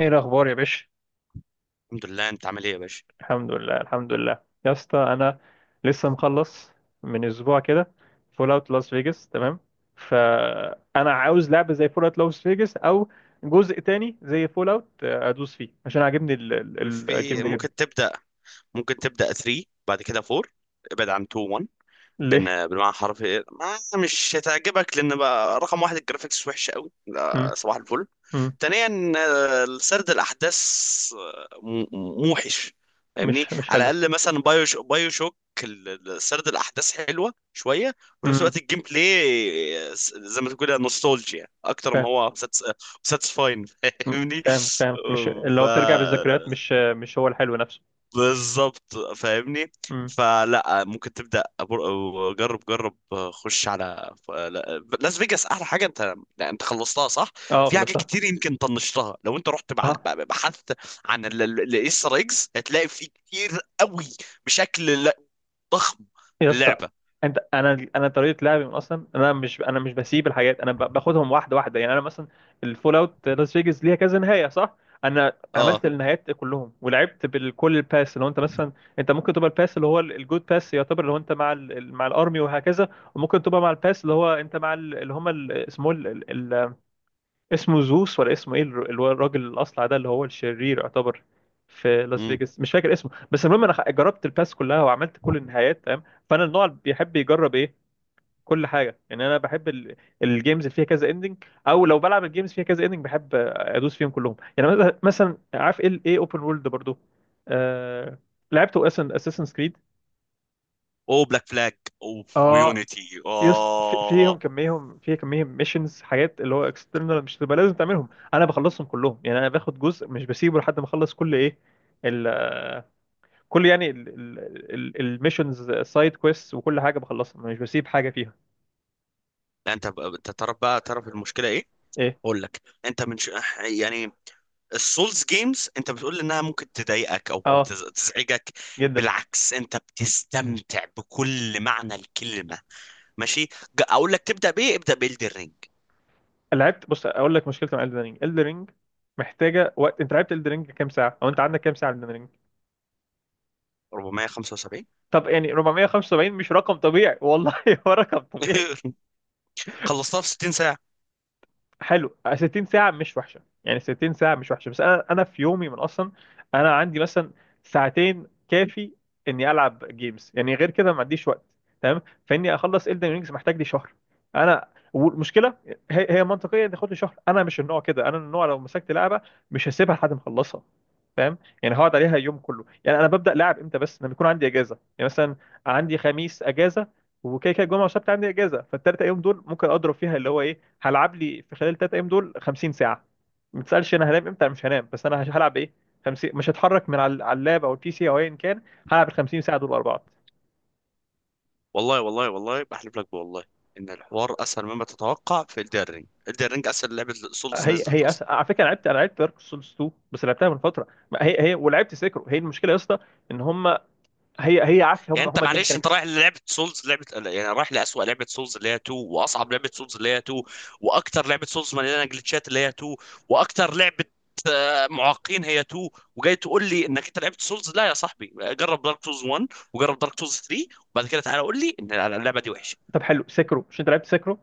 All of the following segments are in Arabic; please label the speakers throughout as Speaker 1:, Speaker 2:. Speaker 1: ايه الاخبار يا باشا؟
Speaker 2: الحمد لله، انت عامل ايه يا باشا؟
Speaker 1: الحمد لله الحمد لله يا اسطى، انا لسه مخلص من اسبوع كده فول اوت لاس فيجاس، تمام. فانا عاوز لعبه زي فول اوت لاس فيجاس او جزء تاني زي فول اوت ادوس فيه عشان عاجبني الجيم
Speaker 2: في
Speaker 1: ده جدا.
Speaker 2: ممكن تبدا 3، بعد كده 4. ابعد عن 2، 1.
Speaker 1: ليه؟
Speaker 2: لان بالمعنى الحرفي ما مش هتعجبك. لان بقى رقم واحد الجرافيكس وحشه قوي.
Speaker 1: مم.
Speaker 2: لا، صباح الفل.
Speaker 1: مم.
Speaker 2: ثانيا آه، سرد الاحداث موحش، فاهمني؟
Speaker 1: مش
Speaker 2: على
Speaker 1: حلو.
Speaker 2: الاقل مثلا بايو شوك، سرد الاحداث حلوه شويه. وفي نفس
Speaker 1: مم.
Speaker 2: الوقت الجيم بلاي زي ما تقول نوستالجيا اكتر ما
Speaker 1: فاهم.
Speaker 2: هو ساتسفاين،
Speaker 1: مم.
Speaker 2: فاهمني.
Speaker 1: فاهم فاهم، مش
Speaker 2: آه، ف
Speaker 1: لو بترجع بالذكريات مش هو الحلو نفسه.
Speaker 2: بالظبط، فاهمني.
Speaker 1: مم.
Speaker 2: فلا، ممكن تبدا جرب، جرب. خش على لاس فيجاس، احلى حاجه. انت لا، انت خلصتها صح؟
Speaker 1: اه
Speaker 2: في
Speaker 1: خلاص.
Speaker 2: حاجات كتير يمكن طنشتها. لو انت رحت
Speaker 1: اه.
Speaker 2: بحثت عن الايستر ايجز هتلاقي في كتير قوي، بشكل ضخم
Speaker 1: يا
Speaker 2: في
Speaker 1: اسطى
Speaker 2: اللعبه.
Speaker 1: انت انا انا طريقه لعبي من اصلا، انا مش بسيب الحاجات، انا باخدهم واحده واحده يعني. انا مثلا الفول اوت لاس فيجاس ليها كذا نهايه، صح؟ انا
Speaker 2: اه.
Speaker 1: عملت النهايات كلهم ولعبت بكل الباس، اللي هو انت مثلا انت ممكن تبقى الباس اللي هو الجود باس يعتبر، اللي هو انت مع مع الارمي وهكذا. وممكن تبقى مع الباس اللي هو انت مع اللي هم اسمه زوس، ولا اسمه ايه اللي هو الراجل الاصلع ده، اللي هو الشرير يعتبر في لاس
Speaker 2: امم.
Speaker 1: فيجاس، مش فاكر اسمه. بس المهم انا جربت الباس كلها وعملت كل النهايات، تمام. فانا النوع اللي بيحب يجرب ايه، كل حاجه. يعني انا بحب الجيمز اللي فيها كذا اندنج، او لو بلعب الجيمز فيها كذا اندنج بحب ادوس فيهم كلهم. يعني مثلا عارف ايه، اوبن وورلد برضو. آه... لعبت اساسن كريد.
Speaker 2: او بلاك فلاج اوف
Speaker 1: اه.
Speaker 2: ويونيتي،
Speaker 1: يس
Speaker 2: اه.
Speaker 1: فيهم كميهم، في كميهم ميشنز، حاجات اللي هو اكسترنال، مش تبقى لازم تعملهم، انا بخلصهم كلهم، يعني انا باخد جزء مش بسيبه لحد ما اخلص كل ايه ال كل يعني الميشنز سايد كويست، وكل حاجه بخلصها، مش بسيب حاجه فيها.
Speaker 2: لا، انت تعرف بقى، تعرف المشكله ايه؟
Speaker 1: ايه؟
Speaker 2: اقول لك، يعني السولز جيمز انت بتقول انها ممكن تضايقك او
Speaker 1: اه
Speaker 2: تزعجك.
Speaker 1: جدا.
Speaker 2: بالعكس، انت بتستمتع بكل معنى الكلمه. ماشي، اقول لك تبدا بايه؟ ابدا بإلدر رينج.
Speaker 1: لعبت، بص، اقول لك مشكلتي مع الدن رينج. محتاجه وقت. انت لعبت الدن رينج كام ساعه؟ او انت عندك كام ساعه الدن رينج؟
Speaker 2: 475.
Speaker 1: طب يعني 475 مش رقم طبيعي والله، هو رقم طبيعي.
Speaker 2: خلصتها في 60 ساعه.
Speaker 1: حلو 60 ساعة مش وحشة، يعني 60 ساعة مش وحشة، بس أنا في يومي من أصلا، أنا عندي مثلا ساعتين كافي إني ألعب جيمز، يعني غير كده ما عنديش وقت، تمام. فإني أخلص إلدن رينجز محتاج لي شهر أنا. والمشكلة هي هي منطقية تاخد لي شهر. أنا مش النوع كده، أنا النوع لو مسكت لعبة مش هسيبها لحد ما أخلصها، فاهم؟ يعني هقعد عليها يوم كله. يعني أنا ببدأ لعب إمتى؟ بس لما يكون عندي إجازة. يعني مثلا عندي خميس إجازة، وكده كده الجمعه والسبت عندي اجازه، فالثلاث ايام دول ممكن اضرب فيها اللي هو ايه، هلعب لي في خلال ال 3 ايام دول 50 ساعه، ما تسالش انا هنام امتى. أنا مش هنام، بس انا هلعب ايه، 50 مش هتحرك من على اللاب او البي سي او ايا كان، هلعب ال 50 ساعه دول ورا بعض.
Speaker 2: والله والله والله بحلف لك بالله ان الحوار اسهل مما تتوقع. في إلدر رينج، إلدر رينج اسهل لعبه سولز
Speaker 1: هي
Speaker 2: نزلت
Speaker 1: هي
Speaker 2: اصلا.
Speaker 1: على فكره، انا لعبت دارك سولز 2 بس لعبتها من فتره، ما هي هي، ولعبت سيكرو. هي المشكله يا اسطى ان هم، هي هي عارف،
Speaker 2: يعني
Speaker 1: هم
Speaker 2: انت
Speaker 1: جيم
Speaker 2: معلش، انت
Speaker 1: ميكانكس.
Speaker 2: رايح للعبه سولز، لعبه يعني رايح لاسوأ لعبه سولز اللي هي 2، واصعب لعبه سولز اللي هي 2، واكتر لعبه سولز مليانه جلitchات اللي هي 2، واكتر لعبه معاقين هي 2، وجاي تقول لي انك انت لعبت سولز؟ لا يا صاحبي، جرب دارك سولز 1، وجرب دارك سولز 3، وبعد كده تعالى قول لي ان اللعبه دي وحشه.
Speaker 1: طب حلو، سيكرو مش انت لعبت سيكرو؟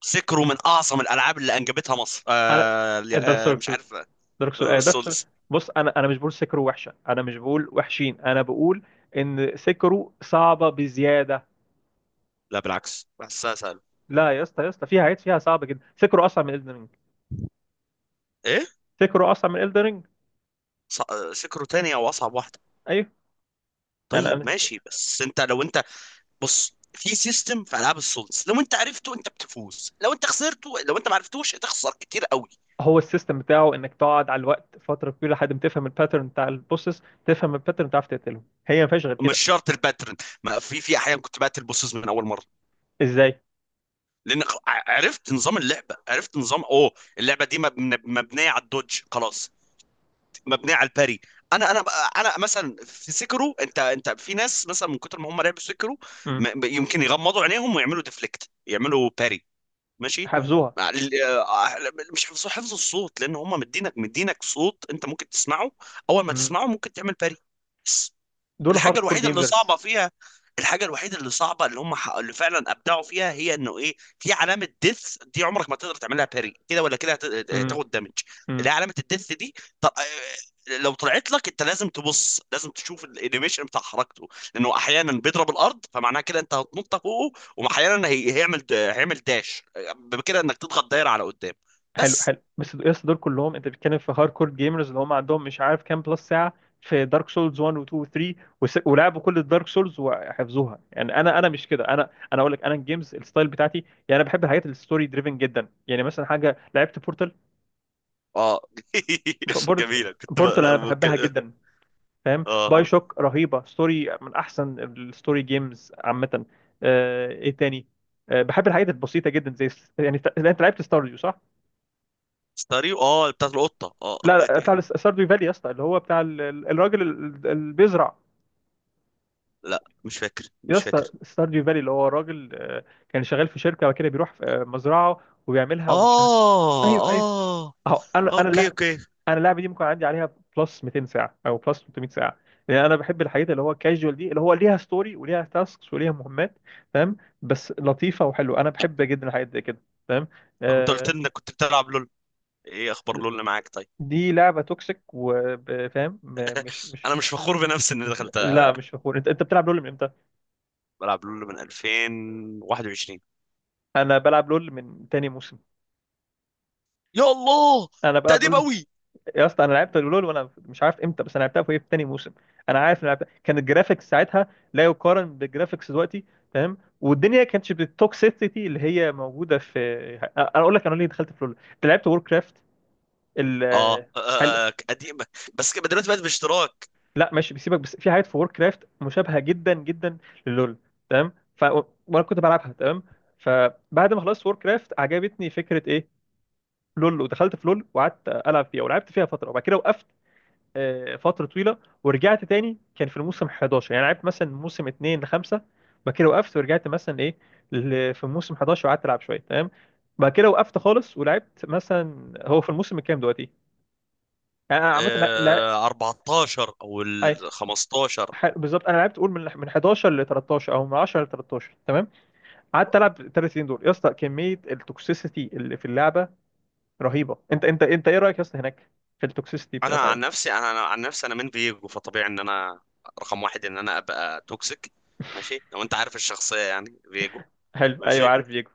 Speaker 2: سكروا من اعظم الالعاب اللي انجبتها مصر.
Speaker 1: انا
Speaker 2: آه،
Speaker 1: دارك
Speaker 2: مش
Speaker 1: سولز
Speaker 2: عارف.
Speaker 1: دارك سول
Speaker 2: آه،
Speaker 1: آه دارك سول.
Speaker 2: سولز.
Speaker 1: بص انا مش بقول سكرو وحشه، انا مش بقول وحشين، انا بقول ان سكرو صعبه بزياده.
Speaker 2: لا بالعكس، بحسها سهله.
Speaker 1: لا يا اسطى، يا اسطى فيها عيب، فيها صعبه جدا. سكرو اصعب من الدن رينج.
Speaker 2: ايه،
Speaker 1: سكرو اصعب من الدن رينج.
Speaker 2: سكروا تاني او اصعب واحده.
Speaker 1: ايوه. يعني
Speaker 2: طيب
Speaker 1: أنا.
Speaker 2: ماشي. بس انت لو انت، بص، في سيستم في العاب السولز، لو انت عرفته انت بتفوز، لو انت ما عرفتوش هتخسر كتير قوي.
Speaker 1: هو السيستم بتاعه انك تقعد على الوقت فتره كبيره لحد ما تفهم الباترن بتاع البوسس، تفهم الباترن تعرف تقتلهم، هي ما فيهاش غير كده.
Speaker 2: مش شرط الباترن، ما في في احيان كنت بقتل بوسز من اول مره.
Speaker 1: ازاي؟
Speaker 2: لان عرفت نظام اللعبه، عرفت نظام. اوه، اللعبه دي مبنيه على الدوج، خلاص، مبنيه على الباري. انا انا انا مثلا في سكرو، انت في ناس مثلا من كتر ما هم لعبوا سكرو
Speaker 1: امم.
Speaker 2: يمكن يغمضوا عينيهم ويعملوا ديفليكت، يعملوا باري. ماشي،
Speaker 1: حافظوها.
Speaker 2: مع مش حفظ، حفظ الصوت، لان هم مدينك صوت انت ممكن تسمعه، اول ما
Speaker 1: امم.
Speaker 2: تسمعه ممكن تعمل باري.
Speaker 1: دول هارد
Speaker 2: الحاجه
Speaker 1: كور
Speaker 2: الوحيده اللي
Speaker 1: جيمرز.
Speaker 2: صعبه فيها الحاجه الوحيده اللي صعبه، اللي اللي فعلا ابدعوا فيها، هي انه ايه، في علامه ديث دي عمرك ما تقدر تعملها باري، كده ولا كده هتاخد دامج. اللي هي علامه الديث دي. طب لو طلعت لك انت لازم تبص، لازم تشوف الانيميشن بتاع حركته. لانه احيانا بيضرب الارض فمعناها كده انت هتنط فوقه، واحيانا هيعمل داش، بكده انك تضغط دايره على قدام.
Speaker 1: حلو
Speaker 2: بس.
Speaker 1: حلو، بس يس دول كلهم انت بتتكلم في هاردكور جيمرز، اللي هم عندهم مش عارف كام بلس ساعه في دارك سولز 1 و 2 و 3، ولعبوا كل الدارك سولز وحفظوها. يعني انا مش كده، انا اقول لك، انا الجيمز الستايل بتاعتي يعني، انا بحب الحاجات الستوري دريفن جدا. يعني مثلا حاجه لعبت بورتال.
Speaker 2: اه.
Speaker 1: بورتال
Speaker 2: جميله كنت
Speaker 1: بورتال انا بحبها
Speaker 2: ممكن.
Speaker 1: جدا، فاهم؟
Speaker 2: اه.
Speaker 1: باي شوك رهيبه، ستوري من احسن الستوري جيمز عامه. ايه تاني؟ بحب الحاجات البسيطه جدا، زي يعني يعني انت لعبت ستارديو، صح؟
Speaker 2: ستاريو، اه، بتاعت القطه، اه.
Speaker 1: لا لا، بتاع ستارديو فالي يا اسطى، اللي هو بتاع الراجل اللي بيزرع.
Speaker 2: لا مش فاكر،
Speaker 1: يا
Speaker 2: مش
Speaker 1: اسطى
Speaker 2: فاكر.
Speaker 1: ستارديو فالي اللي هو راجل، كان شغال في شركه كده، بيروح في مزرعه وبيعملها ومش عارف.
Speaker 2: اه.
Speaker 1: ايوه ايوه.
Speaker 2: اه.
Speaker 1: اهو
Speaker 2: اوكي، اوكي.
Speaker 1: انا اللعبه دي ممكن عندي عليها بلس 200 ساعه او بلس 300 ساعه، لان انا بحب الحاجات اللي هو كاجوال دي، اللي هو ليها ستوري وليها تاسكس وليها مهمات، تمام؟ بس لطيفه وحلوه، انا بحب جدا الحاجات دي كده، تمام.
Speaker 2: طب انت قلت لي
Speaker 1: آه،
Speaker 2: انك كنت بتلعب لول، ايه اخبار لول اللي معاك؟ طيب،
Speaker 1: دي لعبه توكسيك، وفاهم مش مش
Speaker 2: انا مش فخور بنفسي اني دخلتها، ها؟
Speaker 1: لا مش فخور. انت بتلعب لول من امتى؟
Speaker 2: بلعب لول من 2021.
Speaker 1: انا بلعب لول من تاني موسم.
Speaker 2: يا الله،
Speaker 1: انا
Speaker 2: ده
Speaker 1: بلعب
Speaker 2: قديم
Speaker 1: لول.
Speaker 2: قوي.
Speaker 1: يا اسطى انا لعبت لول وانا مش عارف امتى، بس انا لعبتها في في تاني موسم. انا عارف إن أنا لعبتها كان الجرافيكس ساعتها لا يقارن بالجرافيكس دلوقتي، فاهم؟ والدنيا كانتش بالتوكسيسيتي اللي هي موجوده في. انا اقول لك انا ليه دخلت في لول. انت لعبت وور كرافت ال،
Speaker 2: اه. آه.
Speaker 1: حلو.
Speaker 2: آه، قديمه بس كده دلوقتي بقت باشتراك.
Speaker 1: لا ماشي بيسيبك، بس في حاجات في وور كرافت مشابهه جدا جدا للول، تمام. ف وانا كنت بلعبها تمام. فبعد ما خلصت وور كرافت عجبتني فكره ايه لول، ودخلت في لول وقعدت العب فيها، ولعبت فيها فتره وبعد كده وقفت فتره طويله. ورجعت تاني كان في الموسم 11، يعني لعبت مثلا موسم 2 ل 5. بعد كده وقفت ورجعت مثلا ايه في موسم 11 وقعدت العب شويه، تمام. بعد كده وقفت خالص، ولعبت مثلا، هو في الموسم الكام دلوقتي؟ يعني انا عامه، لا لا.
Speaker 2: آه 14 او ال
Speaker 1: أي-
Speaker 2: 15.
Speaker 1: بالظبط، انا لعبت قول من 11 ل 13 او من 10 ل 13، تمام. قعدت العب ال 3 سنين دول يا اسطى، كميه التوكسيسيتي اللي في اللعبه رهيبه. انت ايه رايك يا اسطى هناك في التوكسيسيتي
Speaker 2: انا
Speaker 1: بتاعت.
Speaker 2: عن نفسي، انا من فيجو، فطبيعي ان انا رقم واحد ان انا ابقى توكسيك. ماشي، لو انت عارف الشخصيه يعني فيجو.
Speaker 1: حلو، ايوه
Speaker 2: ماشي.
Speaker 1: عارف ليجو.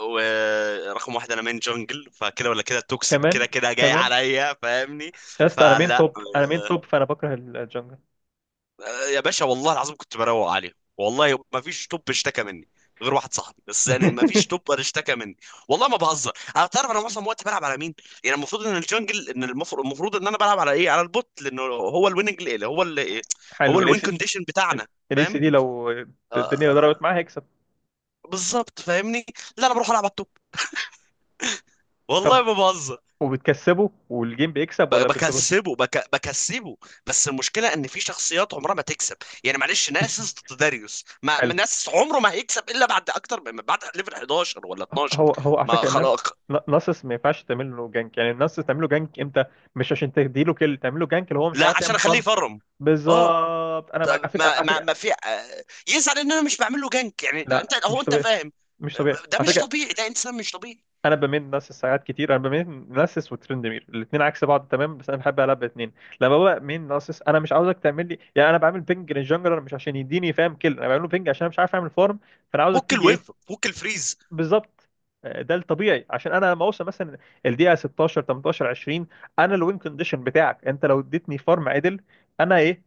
Speaker 2: ورقم واحد، انا مين جنجل، فكده ولا كده توكسيك،
Speaker 1: كمان
Speaker 2: كده كده جاي
Speaker 1: كمان،
Speaker 2: عليا، فاهمني.
Speaker 1: يا اسطى انا مين
Speaker 2: فلا،
Speaker 1: توب، انا مين توب، فانا بكره الجنجل.
Speaker 2: آه، يا باشا والله العظيم كنت بروق عليه، والله ما فيش توب اشتكى مني غير واحد صاحبي بس، يعني ما فيش توب اشتكى مني. والله ما بهزر. انا تعرف انا معظم وقتي بلعب على مين؟ يعني المفروض ان الجنجل، المفروض ان انا بلعب على ايه، على البوت، لانه هو الويننج اللي هو اللي هو
Speaker 1: حلو
Speaker 2: الوين كونديشن بتاعنا،
Speaker 1: الاسي
Speaker 2: فاهم.
Speaker 1: دي لو
Speaker 2: آه،
Speaker 1: الدنيا ضربت معاه هيكسب.
Speaker 2: بالظبط، فاهمني. لا، انا بروح العب على التوب،
Speaker 1: طب
Speaker 2: والله ما بهزر.
Speaker 1: وبتكسبه والجيم بيكسب، ولا بتبقى؟
Speaker 2: بكسبه، بكسبه. بس المشكله ان في شخصيات عمرها ما تكسب. يعني معلش، ناسس ضد داريوس، ما ما
Speaker 1: حلو،
Speaker 2: ناسس عمره ما هيكسب الا بعد اكتر من، بعد ليفل 11 ولا 12.
Speaker 1: هو هو على
Speaker 2: ما
Speaker 1: فكره الناس،
Speaker 2: خلاص،
Speaker 1: ناسس ما ينفعش تعمل له جانك، يعني الناس تعمل له جانك امتى؟ مش عشان تديله كيل تعمل له جانك، اللي هو مش
Speaker 2: لا،
Speaker 1: عارف
Speaker 2: عشان
Speaker 1: يعمل
Speaker 2: اخليه
Speaker 1: فارم.
Speaker 2: يفرم. اه.
Speaker 1: بالظبط، انا معاك على
Speaker 2: طب
Speaker 1: فكره،
Speaker 2: ما
Speaker 1: على
Speaker 2: ما ما
Speaker 1: فكره.
Speaker 2: في آه، يزعل ان انا مش بعمل له جنك، يعني
Speaker 1: لا
Speaker 2: انت، هو،
Speaker 1: مش
Speaker 2: انت
Speaker 1: طبيعي،
Speaker 2: فاهم.
Speaker 1: مش طبيعي
Speaker 2: آه، ده
Speaker 1: على
Speaker 2: مش
Speaker 1: فكره.
Speaker 2: طبيعي، ده انسان مش طبيعي.
Speaker 1: انا بميل ناسس ساعات كتير، انا بميل ناسس وترندمير الاثنين عكس بعض، تمام. بس انا بحب العب الاثنين. لما ببقى مين ناسس انا مش عاوزك تعمل لي، يعني انا بعمل بينج للجنجلر مش عشان يديني، فاهم؟ كل انا بعمله بينج عشان انا مش عارف اعمل فارم، فانا عاوزك
Speaker 2: فك
Speaker 1: تيجي
Speaker 2: الويف،
Speaker 1: ايه.
Speaker 2: فك الفريز.
Speaker 1: بالظبط. ده الطبيعي، عشان انا لما اوصل مثلا الدقيقه 16 18 20، انا الوين كونديشن بتاعك، انت لو اديتني فارم عدل انا ايه،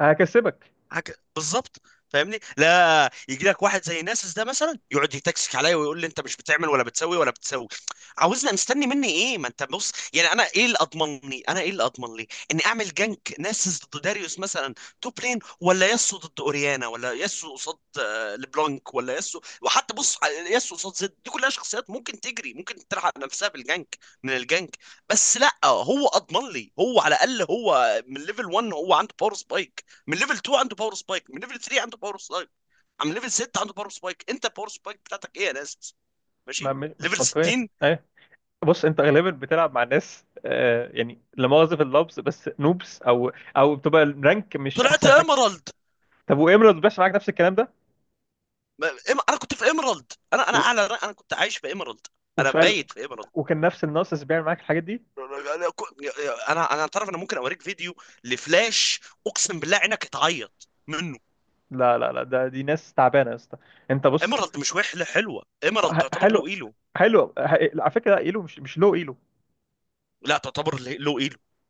Speaker 1: هكسبك.
Speaker 2: حاجه، بالظبط، فاهمني. لا يجي لك واحد زي ناسس ده مثلا يقعد يتكسك عليا ويقول لي انت مش بتعمل ولا بتسوي ولا بتسوي. عاوزنا مستني مني ايه؟ ما انت بص، يعني انا ايه اللي اضمنني، انا ايه اللي اضمن لي اني اعمل جنك ناسس ضد داريوس مثلا، توب لين، ولا ياسو ضد اوريانا، ولا ياسو قصاد آه، لبلانك، ولا ياسو، وحتى بص على ياسو قصاد زد. دي كلها شخصيات ممكن تجري ممكن تلحق نفسها بالجنك من الجنك. بس لا، هو اضمن لي، هو على الاقل هو من ليفل 1 هو عنده باور سبايك، من ليفل 2 عنده باور سبايك، من ليفل 3 عنده باور سبايك، من ليفل 6 عنده باور سبايك. انت الباور سبايك بتاعتك ايه يا ناس؟
Speaker 1: ما
Speaker 2: ماشي، ليفل
Speaker 1: مش منطقيه.
Speaker 2: 60.
Speaker 1: بص انت غالبا بتلعب مع ناس يعني، لا مؤاخذه في اللفظ، بس نوبس، او بتبقى الرانك مش
Speaker 2: طلعت
Speaker 1: احسن حاجه.
Speaker 2: ايمرالد.
Speaker 1: طب وامرالد بيحصل معاك نفس الكلام ده؟
Speaker 2: انا كنت في ايمرالد، انا انا
Speaker 1: و-
Speaker 2: اعلى انا كنت عايش في ايمرالد. انا
Speaker 1: وسؤال،
Speaker 2: بايت في ايمرالد.
Speaker 1: وكان نفس الناقص بيعمل معاك الحاجات دي؟
Speaker 2: انا تعرف، انا ممكن اوريك فيديو لفلاش، اقسم بالله عينك هتعيط منه.
Speaker 1: لا لا لا، دي ناس تعبانه يا اسطى. انت بص،
Speaker 2: ايمرالد مش وحله، حلوه ايمرالد، تعتبر
Speaker 1: حلو.
Speaker 2: له ايلو.
Speaker 1: حلو على فكره ايلو، مش لو ايلو.
Speaker 2: لا تعتبر له ايلو.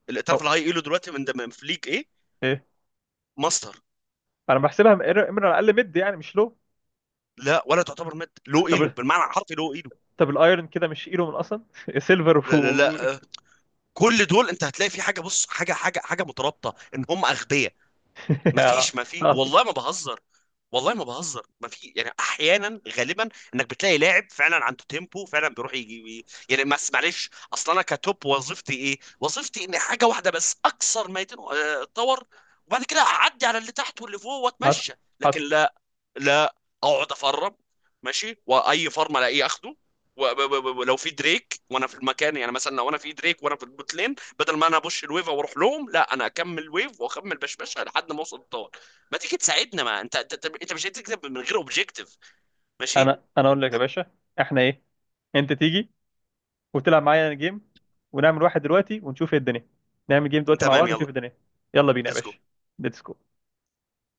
Speaker 2: اللي
Speaker 1: او
Speaker 2: تعرف الهاي ايلو دلوقتي من في ليج ايه؟
Speaker 1: ايه،
Speaker 2: ماستر.
Speaker 1: انا بحسبها امرالد اقل مد، يعني مش لو.
Speaker 2: لا ولا تعتبر مد، لو ايلو
Speaker 1: طب
Speaker 2: بالمعنى الحرفي، لو ايلو.
Speaker 1: الايرون كده مش ايلو من اصلا. سيلفر و
Speaker 2: لا, لا, لا آه، كل دول انت هتلاقي في حاجه، بص، حاجه مترابطه ان هم اغبياء. ما فيش ما في
Speaker 1: حصل.
Speaker 2: والله ما بهزر، والله ما بهزر. ما في يعني احيانا، غالبا، انك بتلاقي لاعب فعلا عنده تيمبو فعلا بيروح يجي، يعني بس معلش. اصلا انا كتوب، وظيفتي ايه؟ وظيفتي اني حاجه واحده بس، اكسر ما اتطور، وبعد كده اعدي على اللي تحت واللي فوق
Speaker 1: حصل.
Speaker 2: واتمشى. لكن
Speaker 1: حصل.
Speaker 2: لا، لا، اقعد افرم، ماشي، واي فرم الاقيه اخده. ولو في دريك وانا في المكان، يعني مثلا لو انا في دريك وانا في البوت لين، بدل ما انا ابش الويف واروح لهم، لا، انا اكمل ويف واكمل بشبشه لحد ما اوصل الطار. ما تيجي تساعدنا، ما انت، انت مش هتكتب من غير اوبجيكتيف. ماشي.
Speaker 1: انا اقول لك يا باشا، احنا ايه، انت تيجي وتلعب معايا جيم، ونعمل واحد دلوقتي ونشوف ايه الدنيا. نعمل جيم دلوقتي مع
Speaker 2: تمام،
Speaker 1: بعض،
Speaker 2: يلا.
Speaker 1: ونشوف الدنيا. يلا بينا يا
Speaker 2: ليتس جو.
Speaker 1: باشا. ليتس جو.